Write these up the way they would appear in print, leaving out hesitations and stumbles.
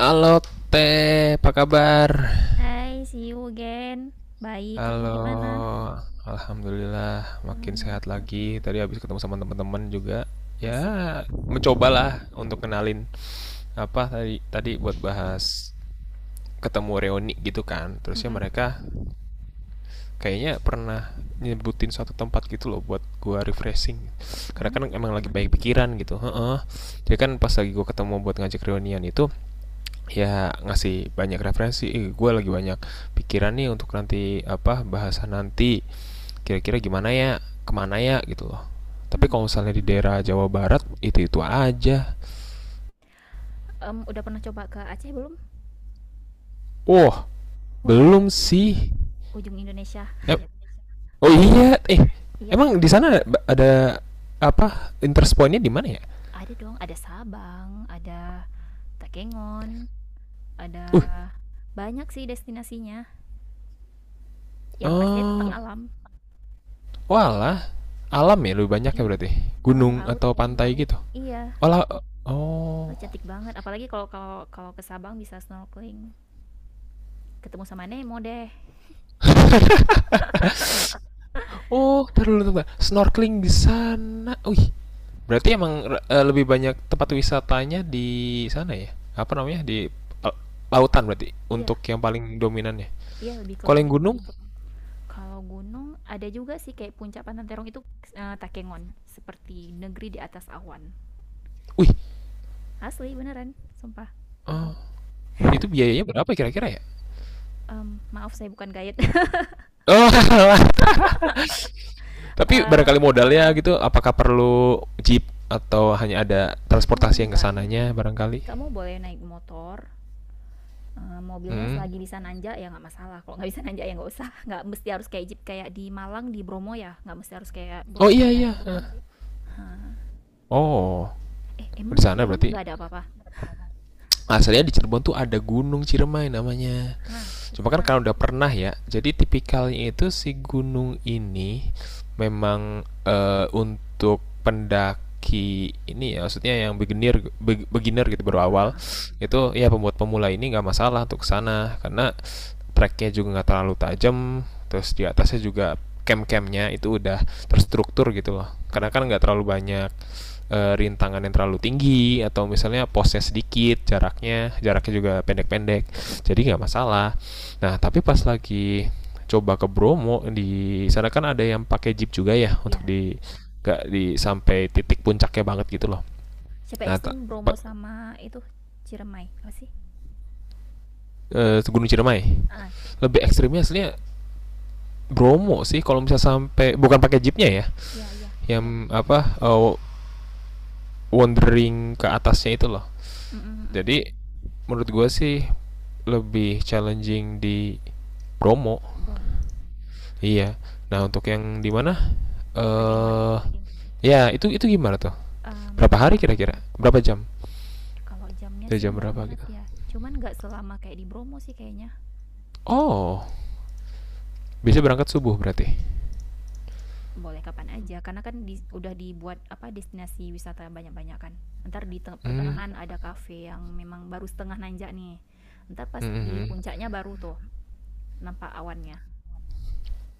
Halo Teh, apa kabar? Hai, see you again. Baik, kamu gimana? Halo, alhamdulillah makin Alhamdulillah, sehat lagi. Tadi habis ketemu sama teman-teman juga. Ya, asik. mencobalah untuk kenalin apa tadi tadi buat bahas ketemu reuni gitu kan. Terusnya Mm-mm. mereka kayaknya pernah nyebutin suatu tempat gitu loh buat gua refreshing. Karena Mana kan itu? emang lagi baik pikiran gitu. Heeh. Jadi kan pas lagi gua ketemu buat ngajak reunian itu ya ngasih banyak referensi gue lagi banyak pikiran nih untuk nanti apa bahasan nanti kira-kira gimana ya kemana ya gitu loh tapi Hmm. kalau misalnya di daerah Jawa Barat itu aja. Udah pernah coba ke Aceh belum? Wah, Wah, belum sih. ujung Indonesia. eh, oh iya, Iya kan? emang di sana ada apa interest pointnya di mana ya? Ada dong, ada Sabang, ada Takengon, ada uh banyak sih destinasinya. Yang pastinya tentang oh ya. alam. Walah, alam ya lebih banyak ya Iya, berarti, alam gunung laut. atau pantai gitu. Iya, Walah. Oh. oh, cantik banget. Apalagi kalau kalau kalau ke Sabang bisa snorkeling, ketemu sama Nemo deh. Oh, taruh dulu. Snorkeling di sana. Wih, berarti emang lebih banyak tempat wisatanya di sana ya? Apa namanya? Di eh, lautan berarti Iya, untuk yang paling dominannya. iya lebih ke Kalau laut. yang gunung, Kalau gunung ada juga sih kayak puncak Pantan Terong itu Takengon, seperti negeri di atas awan. wih, Asli beneran, sumpah. eh, itu biayanya berapa kira-kira ya? Maaf saya bukan guide. Oh. Tapi Eh, barangkali modalnya gitu, apakah perlu jeep atau hanya ada transportasi yang enggak. kesananya barangkali? Kamu boleh naik motor, eh, mobilnya Hmm. selagi bisa nanjak ya nggak masalah. Kalau nggak bisa nanjak ya nggak usah. Nggak mesti harus kayak jeep kayak di Malang di Bromo ya. Nggak mesti harus kayak Oh Bromo iya sih. iya. Eh. Hah. Oh, Eh, di emang di sana Cirebon berarti nggak ada apa-apa? asalnya di Cirebon tuh ada Gunung Ciremai namanya. Hah, terus. Cuma kan karena udah pernah ya, jadi Oh, tipikalnya itu si gunung ini memang untuk pendaki ini ya, maksudnya yang beginner beginner gitu baru pemula. awal, Hah. itu ya pembuat pemula ini nggak masalah untuk sana karena treknya juga nggak terlalu tajam, terus di atasnya juga camp-campnya itu udah terstruktur gitu loh, Mm, mm, karena kan mm. nggak terlalu banyak rintangan yang terlalu tinggi atau misalnya posnya sedikit, jaraknya jaraknya juga pendek-pendek, jadi nggak masalah. Nah tapi pas lagi coba ke Bromo di sana kan ada yang pakai jeep juga ya untuk Ya. di nggak di sampai titik puncaknya banget gitu loh. Siapa nah ta- ekstrim Bromo pa- sama itu Ciremai apa sih? Gunung Ciremai Ah, lebih ekstrimnya aslinya Bromo sih kalau misalnya sampai bukan pakai jeepnya ya, iya, iya. yang apa wandering ke atasnya itu loh. Mm-mm. Jadi menurut gue sih lebih challenging di promo. Bromo. Iya. Nah, untuk yang di mana? Kagengon. Eh ya, itu gimana tuh? Berapa Em, hari kira-kira? Berapa jam? Kalau jamnya Dari sih jam nggak berapa ingat gitu? ya. Cuman nggak selama kayak di Bromo sih kayaknya. Oh, bisa berangkat subuh berarti. Boleh kapan aja, karena kan udah dibuat apa destinasi wisata banyak-banyak kan. Ntar di Hmm, pertengahan ada kafe yang memang baru setengah nanjak nih. gitu. Ntar pas Hmm, di hmm, hmm. puncaknya baru tuh nampak awannya.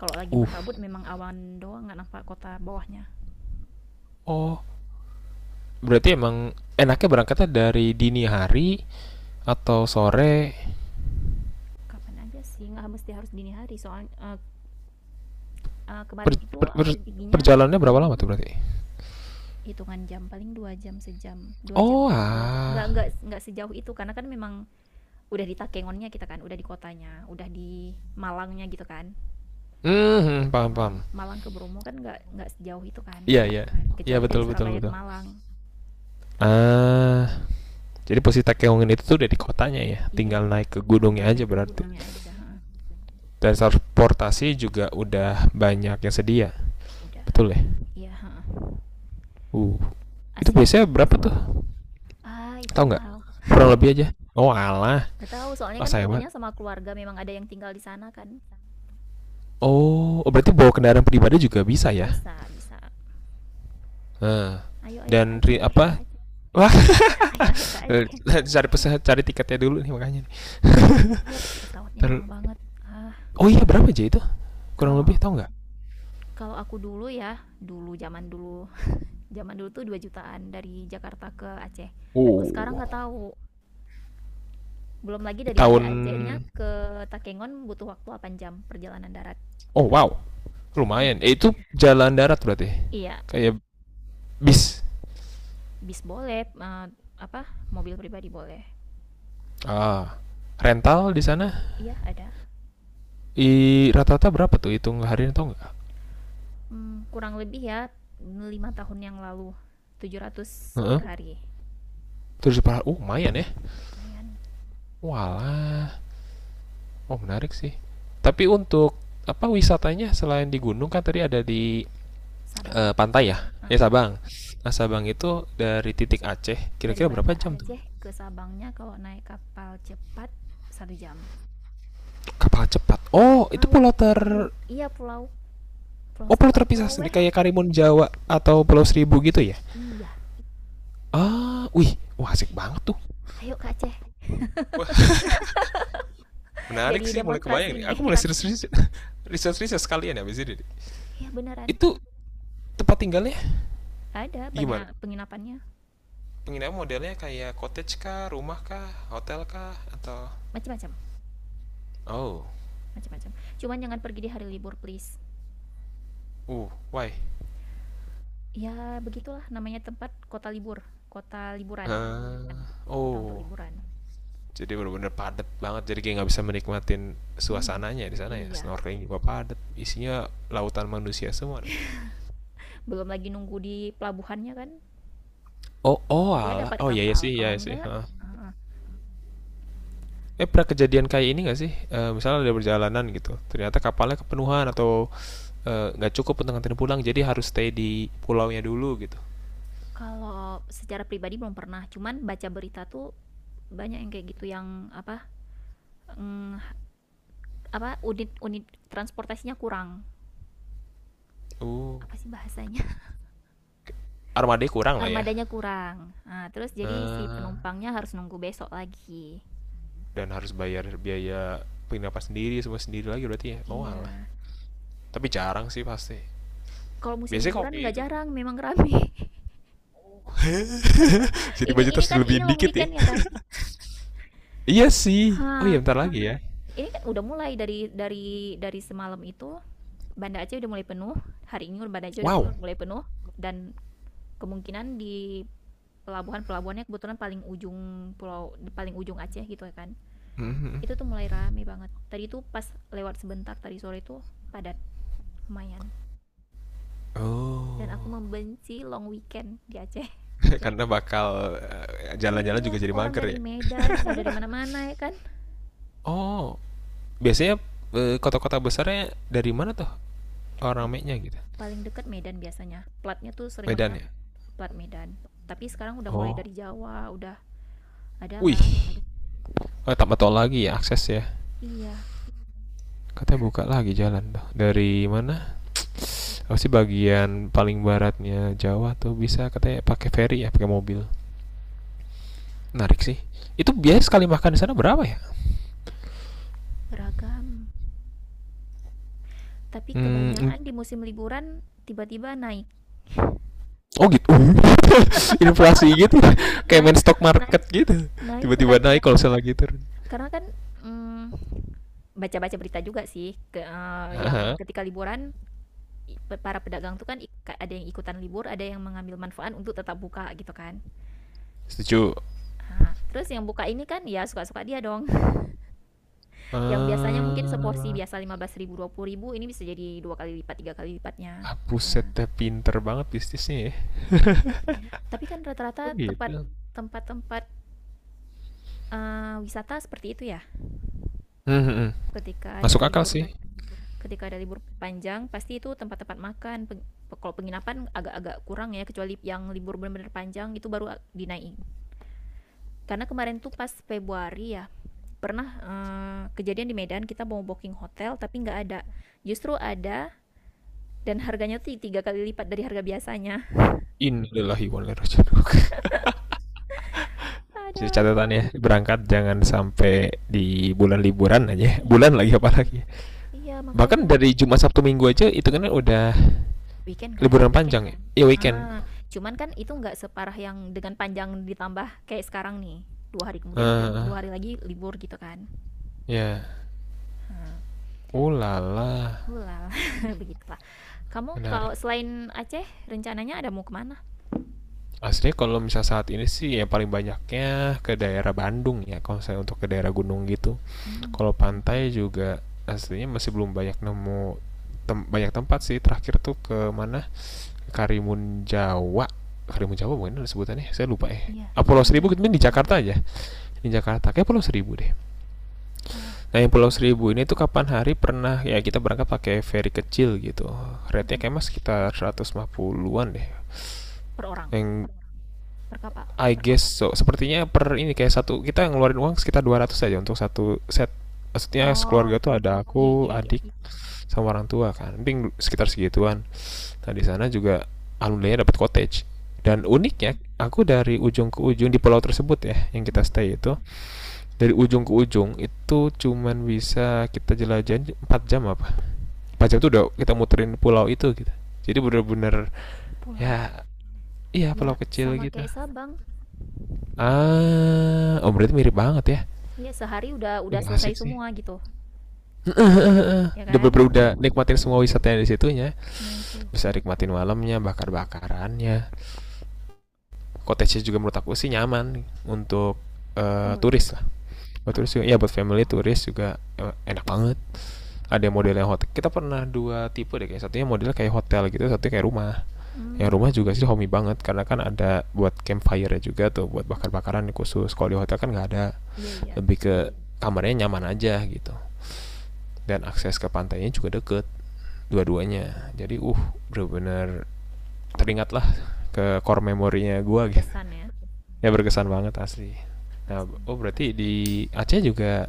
Kalau lagi Uh. berkabut memang awan doang nggak nampak kota bawahnya. Oh, berarti emang enaknya berangkatnya dari dini hari atau sore? Kapan aja sih, nggak mesti harus dini hari. Soalnya kemarin Per- itu per- aku per- perginya perjalanannya berapa lama tuh berarti? hitungan jam paling 2 jam sejam 2 jam Oh, kayaknya nggak ah. nggak nggak sejauh itu karena kan memang udah di Takengonnya, kita kan udah di kotanya, udah di Malangnya gitu kan. Hmm, hmm, Kalau paham, Malang paham. Malang ke Bromo kan nggak sejauh itu kan, Iya, iya. Iya, kecuali dari betul, betul, Surabaya ke betul. Malang gitu. Ah, jadi posisi Takeongin itu tuh udah di kotanya ya, Iya, tinggal udah, naik ke tinggal gunungnya aja naik ke berarti. gunungnya aja, ha. Dan transportasi juga udah banyak yang sedia, Udah, betul ya? iya, ha. Uh, itu Asik biasanya pokoknya. berapa tuh? Ah, itu Tahu yang nggak nggak? tahu. Kurang lebih aja. Oh alah, Nggak tahu, soalnya oh kan sayang banget. perginya sama keluarga, memang ada yang tinggal di sana kan. Oh, oh, berarti bawa kendaraan pribadi juga bisa ya? Bisa, bisa. Nah, Ayo, ayo ke dan Aceh. apa? Wah. Ayo, ayo ke Aceh. Cari pesan, cari tiketnya dulu nih makanya. Nih. Iya, pesawatnya mahal banget. Ah, Oh iya, berapa aja itu? Kurang lebih kalau tahu nggak? kalau aku dulu ya, dulu zaman dulu, zaman dulu tuh 2 jutaan dari Jakarta ke Aceh. Kalau sekarang Oh, nggak tahu. Belum lagi dari Banda Acehnya tahun. ke Takengon butuh waktu 8 jam perjalanan darat. Oh wow, lumayan. Eh, itu jalan darat berarti. Iya, Kayak bis. bis boleh, apa, mobil pribadi boleh. Ah. Rental di sana, Iya, ada. i rata-rata berapa tuh, hitung harian atau nggak? Hmm, kurang lebih ya 5 tahun yang lalu, 700 Heeh. per hari. Terus dipahala, lumayan ya. Lumayan. Walah. Oh, menarik sih. Tapi untuk apa wisatanya selain di gunung kan tadi ada di Sabang. pantai ya? Ya, Sabang. Nah, Sabang itu dari titik Aceh Dari kira-kira berapa Banda jam tuh? Aceh ke Sabangnya kalau naik kapal cepat 1 jam. Kapal cepat. Oh, itu Laut. pulau. Iya, pulau. Pulau Oh, pulau Sabang, terpisah Pulau sendiri Weh. kayak Karimun Jawa atau Pulau Seribu gitu ya? Iya. Ah, wih, wah asik banget tuh. Ayo Kak Aceh. Wah, menarik Jadi sih, mulai demonstrasi kebayang nih. nih. Aku mulai serius-serius riset-riset sekalian ya abis ini. Iya, beneran. Itu tempat tinggalnya Ada banyak gimana? penginapannya. Penginapan modelnya kayak cottage kah, rumah kah, hotel kah, atau Macam-macam. oh, Macam-macam. Cuman jangan pergi di hari libur, please. uh, why? Ya begitulah namanya tempat kota libur. Kota liburan. Ah, Kota untuk oh, liburan. jadi benar-benar padat banget. Jadi kayak nggak bisa menikmatin Mhm. suasananya di sana ya. Iya. Snorkeling juga padat. Isinya lautan manusia semua nanti. Belum lagi nunggu di pelabuhannya kan. Oh, oh Iya, ala. dapat Oh iya iya kapal. sih, iya Kalau iya sih. enggak. Heeh. Eh, pernah kejadian kayak ini nggak sih? Eh, misalnya ada perjalanan gitu, ternyata kapalnya kepenuhan atau nggak cukup untuk nganterin pulang, jadi harus stay di pulaunya dulu gitu. Kalau secara pribadi belum pernah, cuman baca berita tuh banyak yang kayak gitu, yang apa, mm, apa unit-unit transportasinya kurang. uh Apa sih bahasanya? armada kurang lah ya. Armadanya kurang. Nah, terus jadi si Eh, penumpangnya harus nunggu besok lagi. dan harus bayar biaya penginapan sendiri, semua sendiri lagi berarti ya, oh alah. Iya. Tapi jarang sih pasti Kalau musim biasanya liburan kopi nggak itu. jarang memang rame. Jadi ini budget ini harus kan ini dilebihin long dikit ya. weekend ya kan? Iya sih. Oh iya bentar lagi ya. Ini kan udah mulai dari semalam itu Banda Aceh udah mulai penuh. Hari ini Banda Aceh udah Wow. mulai penuh, dan kemungkinan di pelabuhan-pelabuhannya, kebetulan paling ujung, pulau paling ujung Aceh gitu ya kan, Mhm. itu tuh mulai rame banget. Tadi tuh pas lewat sebentar, tadi sore tuh padat lumayan. Dan aku Oh. membenci long weekend di Aceh. Karena bakal jalan-jalan Iya, juga jadi orang mager dari ya. Medan entah dari mana-mana ya kan. Oh, biasanya kota-kota besarnya dari mana tuh orang Yang ramenya gitu? paling dekat Medan, biasanya platnya tuh Medan seringnya ya. plat Medan, tapi sekarang udah mulai Oh. dari Jawa udah ada Wih. lah. Oh, tambah tol lagi ya akses ya. Iya, Katanya buka lagi jalan tuh. Dari mana? Apa sih bagian paling baratnya Jawa tuh bisa katanya pakai ferry ya, pakai mobil. Menarik sih. Itu biaya sekali makan di sana berapa ya? beragam, tapi Hmm, mm, kebanyakan di musim liburan tiba-tiba naik, oh gitu. Inflasi gitu. Kayak main naik, stock market gitu. naik tuh kan. Tiba-tiba naik kalau saya lagi turun. Karena kan mm, baca-baca berita juga sih ke yang Aha. ketika liburan para pedagang tuh kan ada yang ikutan libur, ada yang mengambil manfaat untuk tetap buka gitu kan. Setuju. Nah, terus yang buka ini kan ya suka-suka dia dong. Yang biasanya mungkin seporsi Ah, biasa 15 ribu 20 ribu, ini bisa jadi 2 kali lipat, 3 kali lipatnya. ah, buset dah, pinter banget bisnisnya ya. Iya. Tapi kan rata-rata Oh tempat gitu. tempat-tempat wisata seperti itu ya, Hmm, hmm, hmm. ketika ada Masuk akal libur. sih. Ketika ada libur panjang pasti itu tempat-tempat makan, kalau penginapan agak-agak kurang ya, kecuali yang libur benar-benar panjang itu baru dinaikin. Karena kemarin tuh pas Februari ya, pernah kejadian di Medan kita mau booking hotel tapi nggak ada, justru ada, dan harganya tuh 3 kali lipat dari harga biasanya. Innalillahi wa inna ilaihi raji'un. Jadi Ada. catatannya berangkat jangan sampai di bulan liburan aja. Bulan Iya, lagi apalagi. iya, makanya. Bahkan dari Jumat Sabtu Minggu aja itu kan udah Weekend kan. liburan panjang ya. Iya weekend. Ah, cuman kan itu nggak separah yang dengan panjang ditambah kayak sekarang nih, 2 hari kemudian kan Heeh, 2 hari lagi libur gitu kan. ya. Ulala, Ulala. Begitulah. Kamu kalau menarik. selain Aceh, rencananya ada mau kemana? Aslinya kalau misal saat ini sih yang paling banyaknya ke daerah Bandung ya kalau saya untuk ke daerah gunung gitu. Hmm, Kalau pantai juga aslinya masih belum banyak nemu banyak tempat sih. Terakhir tuh ke mana? Karimun Jawa Karimun Jawa mungkin ada sebutannya saya lupa ya. iya, Ah, dari Pulau Seribu menjauh. itu di Jakarta aja, di Jakarta kayak Pulau Seribu deh. Oh, Nah yang Pulau Seribu ini tuh kapan hari pernah ya, kita berangkat pakai ferry kecil gitu, rate-nya mhm. kayak mas sekitar 150-an deh, Per orang, yang per kapal. I guess so sepertinya per ini kayak satu kita ngeluarin uang sekitar 200 aja untuk satu set, Ya. maksudnya Oh, sekeluarga tuh ada aku, iya, iya, iya. adik sama orang tua kan, mungkin sekitar segituan. Tadi sana juga alhamdulillah dapat cottage. Hmm, Dan uniknya, aku dari ujung ke ujung di pulau tersebut ya, yang kita stay itu, dari ujung ke ujung itu cuman bisa kita jelajahin 4 jam apa. 4 jam itu udah kita muterin pulau itu gitu. Jadi bener-bener pulau. ya, iya Ya, pulau kecil sama gitu. kayak Sabang. Ah, oh berarti mirip banget ya. Ya, sehari udah Wih selesai asik sih. semua gitu, ya Udah kan? bener, udah nikmatin semua wisatanya di situnya. Nah itu Bisa nikmatin malamnya, bakar-bakarannya, cottage juga menurut aku sih nyaman untuk family. turis lah, buat turis Oh, juga ya buat family, turis juga enak banget. Ada modelnya hotel, kita pernah dua tipe deh kayak satunya modelnya kayak hotel gitu, satunya kayak rumah. Yang rumah hmm, juga sih homey banget karena kan ada buat campfire juga tuh buat bakar-bakaran, khusus kalau di hotel kan nggak ada, iya, iya, lebih ke kamarnya nyaman aja gitu, dan akses ke pantainya juga deket dua-duanya jadi bener-bener teringatlah ke core memorinya gue gitu. berkesan ya, Ya berkesan banget asli. Nah, asli. oh berarti di Aceh juga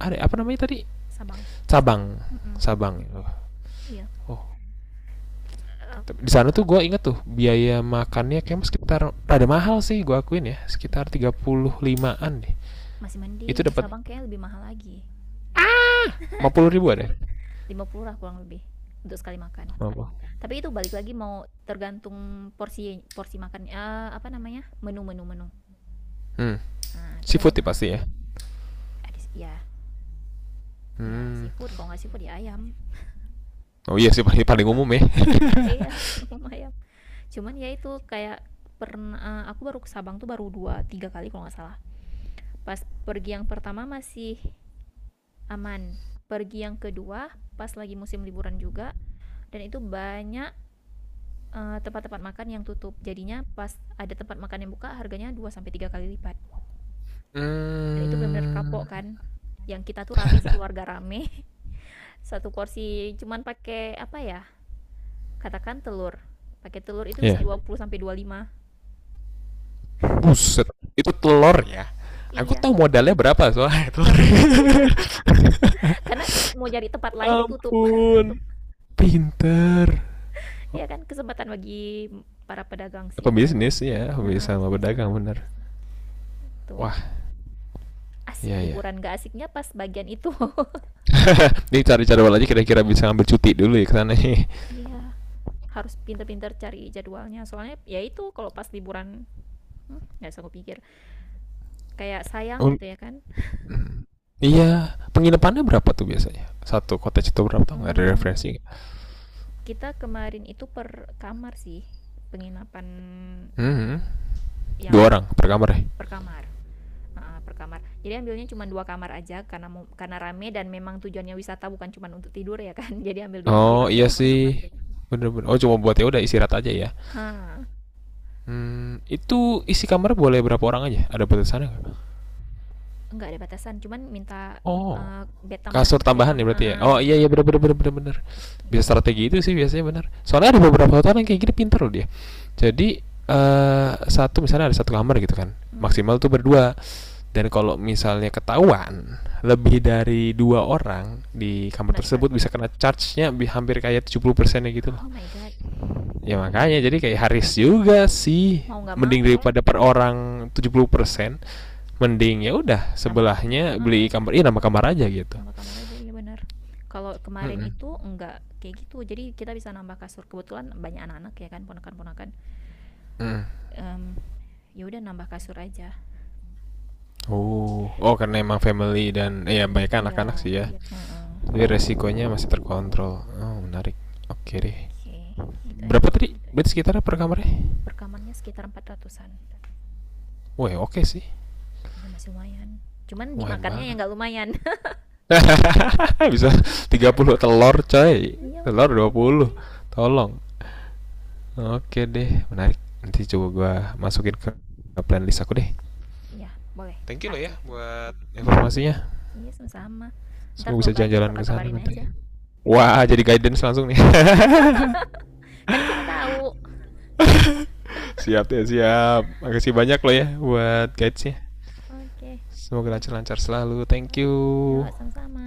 ada apa namanya tadi, Sabang. Sabang. Mm-mm. Sabang oh, Iya. oh. Eh, Di sana tuh gue inget tuh biaya makannya kayak sekitar rada mahal sih gue akuin ya iya, sekitar iya. 35-an deh. Masih Itu mending dapat Sabang kayaknya lebih mahal lagi. 50 ribu ada ya? 50 lah kurang lebih untuk sekali makan. 50. Tapi itu balik lagi mau tergantung porsi porsi makan, apa namanya? Menu-menu, menu, menu. Hmm, Nah, seafood tergantung ya pasti ya. ada ya, ya Hmm, seafood, kalau nggak seafood ya ayam. oh iya sih, paling paling umum ya. Iya, minum ayam. Cuman ya itu kayak, pernah aku baru ke Sabang tuh baru dua tiga kali kalau nggak salah. Pas pergi yang pertama masih aman. Pergi yang kedua pas lagi musim liburan juga, dan itu banyak tempat-tempat makan yang tutup. Jadinya pas ada tempat makan yang buka harganya 2 sampai 3 kali lipat. Dan itu benar-benar Hmm, kapok kan. Yang kita tuh rame sekeluarga, rame. Satu porsi cuman pakai apa ya? Katakan telur. Pakai telur itu bisa ya 20 sampai 25. buset, itu telur ya, aku Iya. tahu modalnya berapa soalnya telur. Nah, makanya, karena mau cari tempat lain tutup. Ampun, pinter. Ya kan kesempatan bagi para pedagang sih. Pebisnis ya, Heeh, pebisnis sama bisnisnya. pedagang bener. Tuh. Wah, Asik ya ya. liburan gak asiknya pas bagian itu. Ini cari jadwal aja, kira-kira bisa ambil cuti dulu ya ke sana. Iya, harus pinter-pinter cari jadwalnya. Soalnya ya itu kalau pas liburan, nggak sanggup pikir. Kayak sayang gitu ya kan. Iya, penginapannya berapa tuh biasanya? Satu cottage itu berapa, tau nggak ada Hmm, referensi? Nggak? kita kemarin itu per kamar sih, penginapan Hmm, yang dua orang per kamar ya. per kamar. Ah, per kamar jadi ambilnya cuma dua kamar aja, karena mau, karena rame, dan memang tujuannya wisata bukan cuma untuk tidur ya kan. Jadi ambil dua Oh kamar iya sih, doang. bener-bener. Oh cuma buat ya udah istirahat aja ya. Hah, Hmm, itu isi kamar boleh berapa orang aja? Ada batasannya nggak? nggak ada batasan, cuman minta Oh, eh, bed tambahan kasur kan. tambahan ya berarti ya? Oh Heeh, iya iya bener bener bener bener bener. Bisa gitu. strategi itu sih biasanya bener. Soalnya ada beberapa hotel yang kayak gini pinter loh dia. Jadi satu misalnya ada satu kamar gitu kan, Hmm, maksimal tuh berdua. Dan kalau misalnya ketahuan lebih dari dua orang di kamar kena tersebut charge, bisa kena charge-nya hampir kayak 70% ya gitu loh. oh my god. Ya makanya jadi kayak Haris juga sih, Mau nggak mau mending ya daripada per orang 70%, mending ya udah nambah kamar. sebelahnya beli Ah, kamar, ini nama kamar aja gitu. nambah kamar aja, iya benar. Kalau kemarin Mhm, itu nggak kayak gitu, jadi kita bisa nambah kasur, kebetulan banyak anak-anak ya kan, ponakan-ponakan. mhm. Em, Ya udah nambah kasur aja. Oh, oh karena emang family dan ya banyak Iya. anak-anak sih ya. Iya, Mm-mm. jadi resikonya masih terkontrol, oh menarik, oke deh. Oke, gitu aja. Berapa tadi berarti sekitar per kamarnya? Perkamarnya sekitar 400-an. Wah, oke sih, Iya, masih lumayan, cuman lumayan dimakannya yang banget. nggak lumayan. Bisa. 30 telur coy, Iya, telur makanya. 20. Tolong. Oke deh menarik, nanti coba gua masukin ke plan list aku deh. Iya, boleh. Thank you loh ya Aceh. buat informasinya, Iya, sama-sama. Ntar semoga bisa kalau ke Aceh jalan-jalan ke sana kabar-kabarin nanti. aja, Wah, jadi guidance langsung nih. kan siapa tahu. Siap ya, siap. Makasih banyak loh ya buat Oke. guidesnya. Oke. Semoga lancar-lancar selalu. Thank you. Oke. Yuk, sama-sama.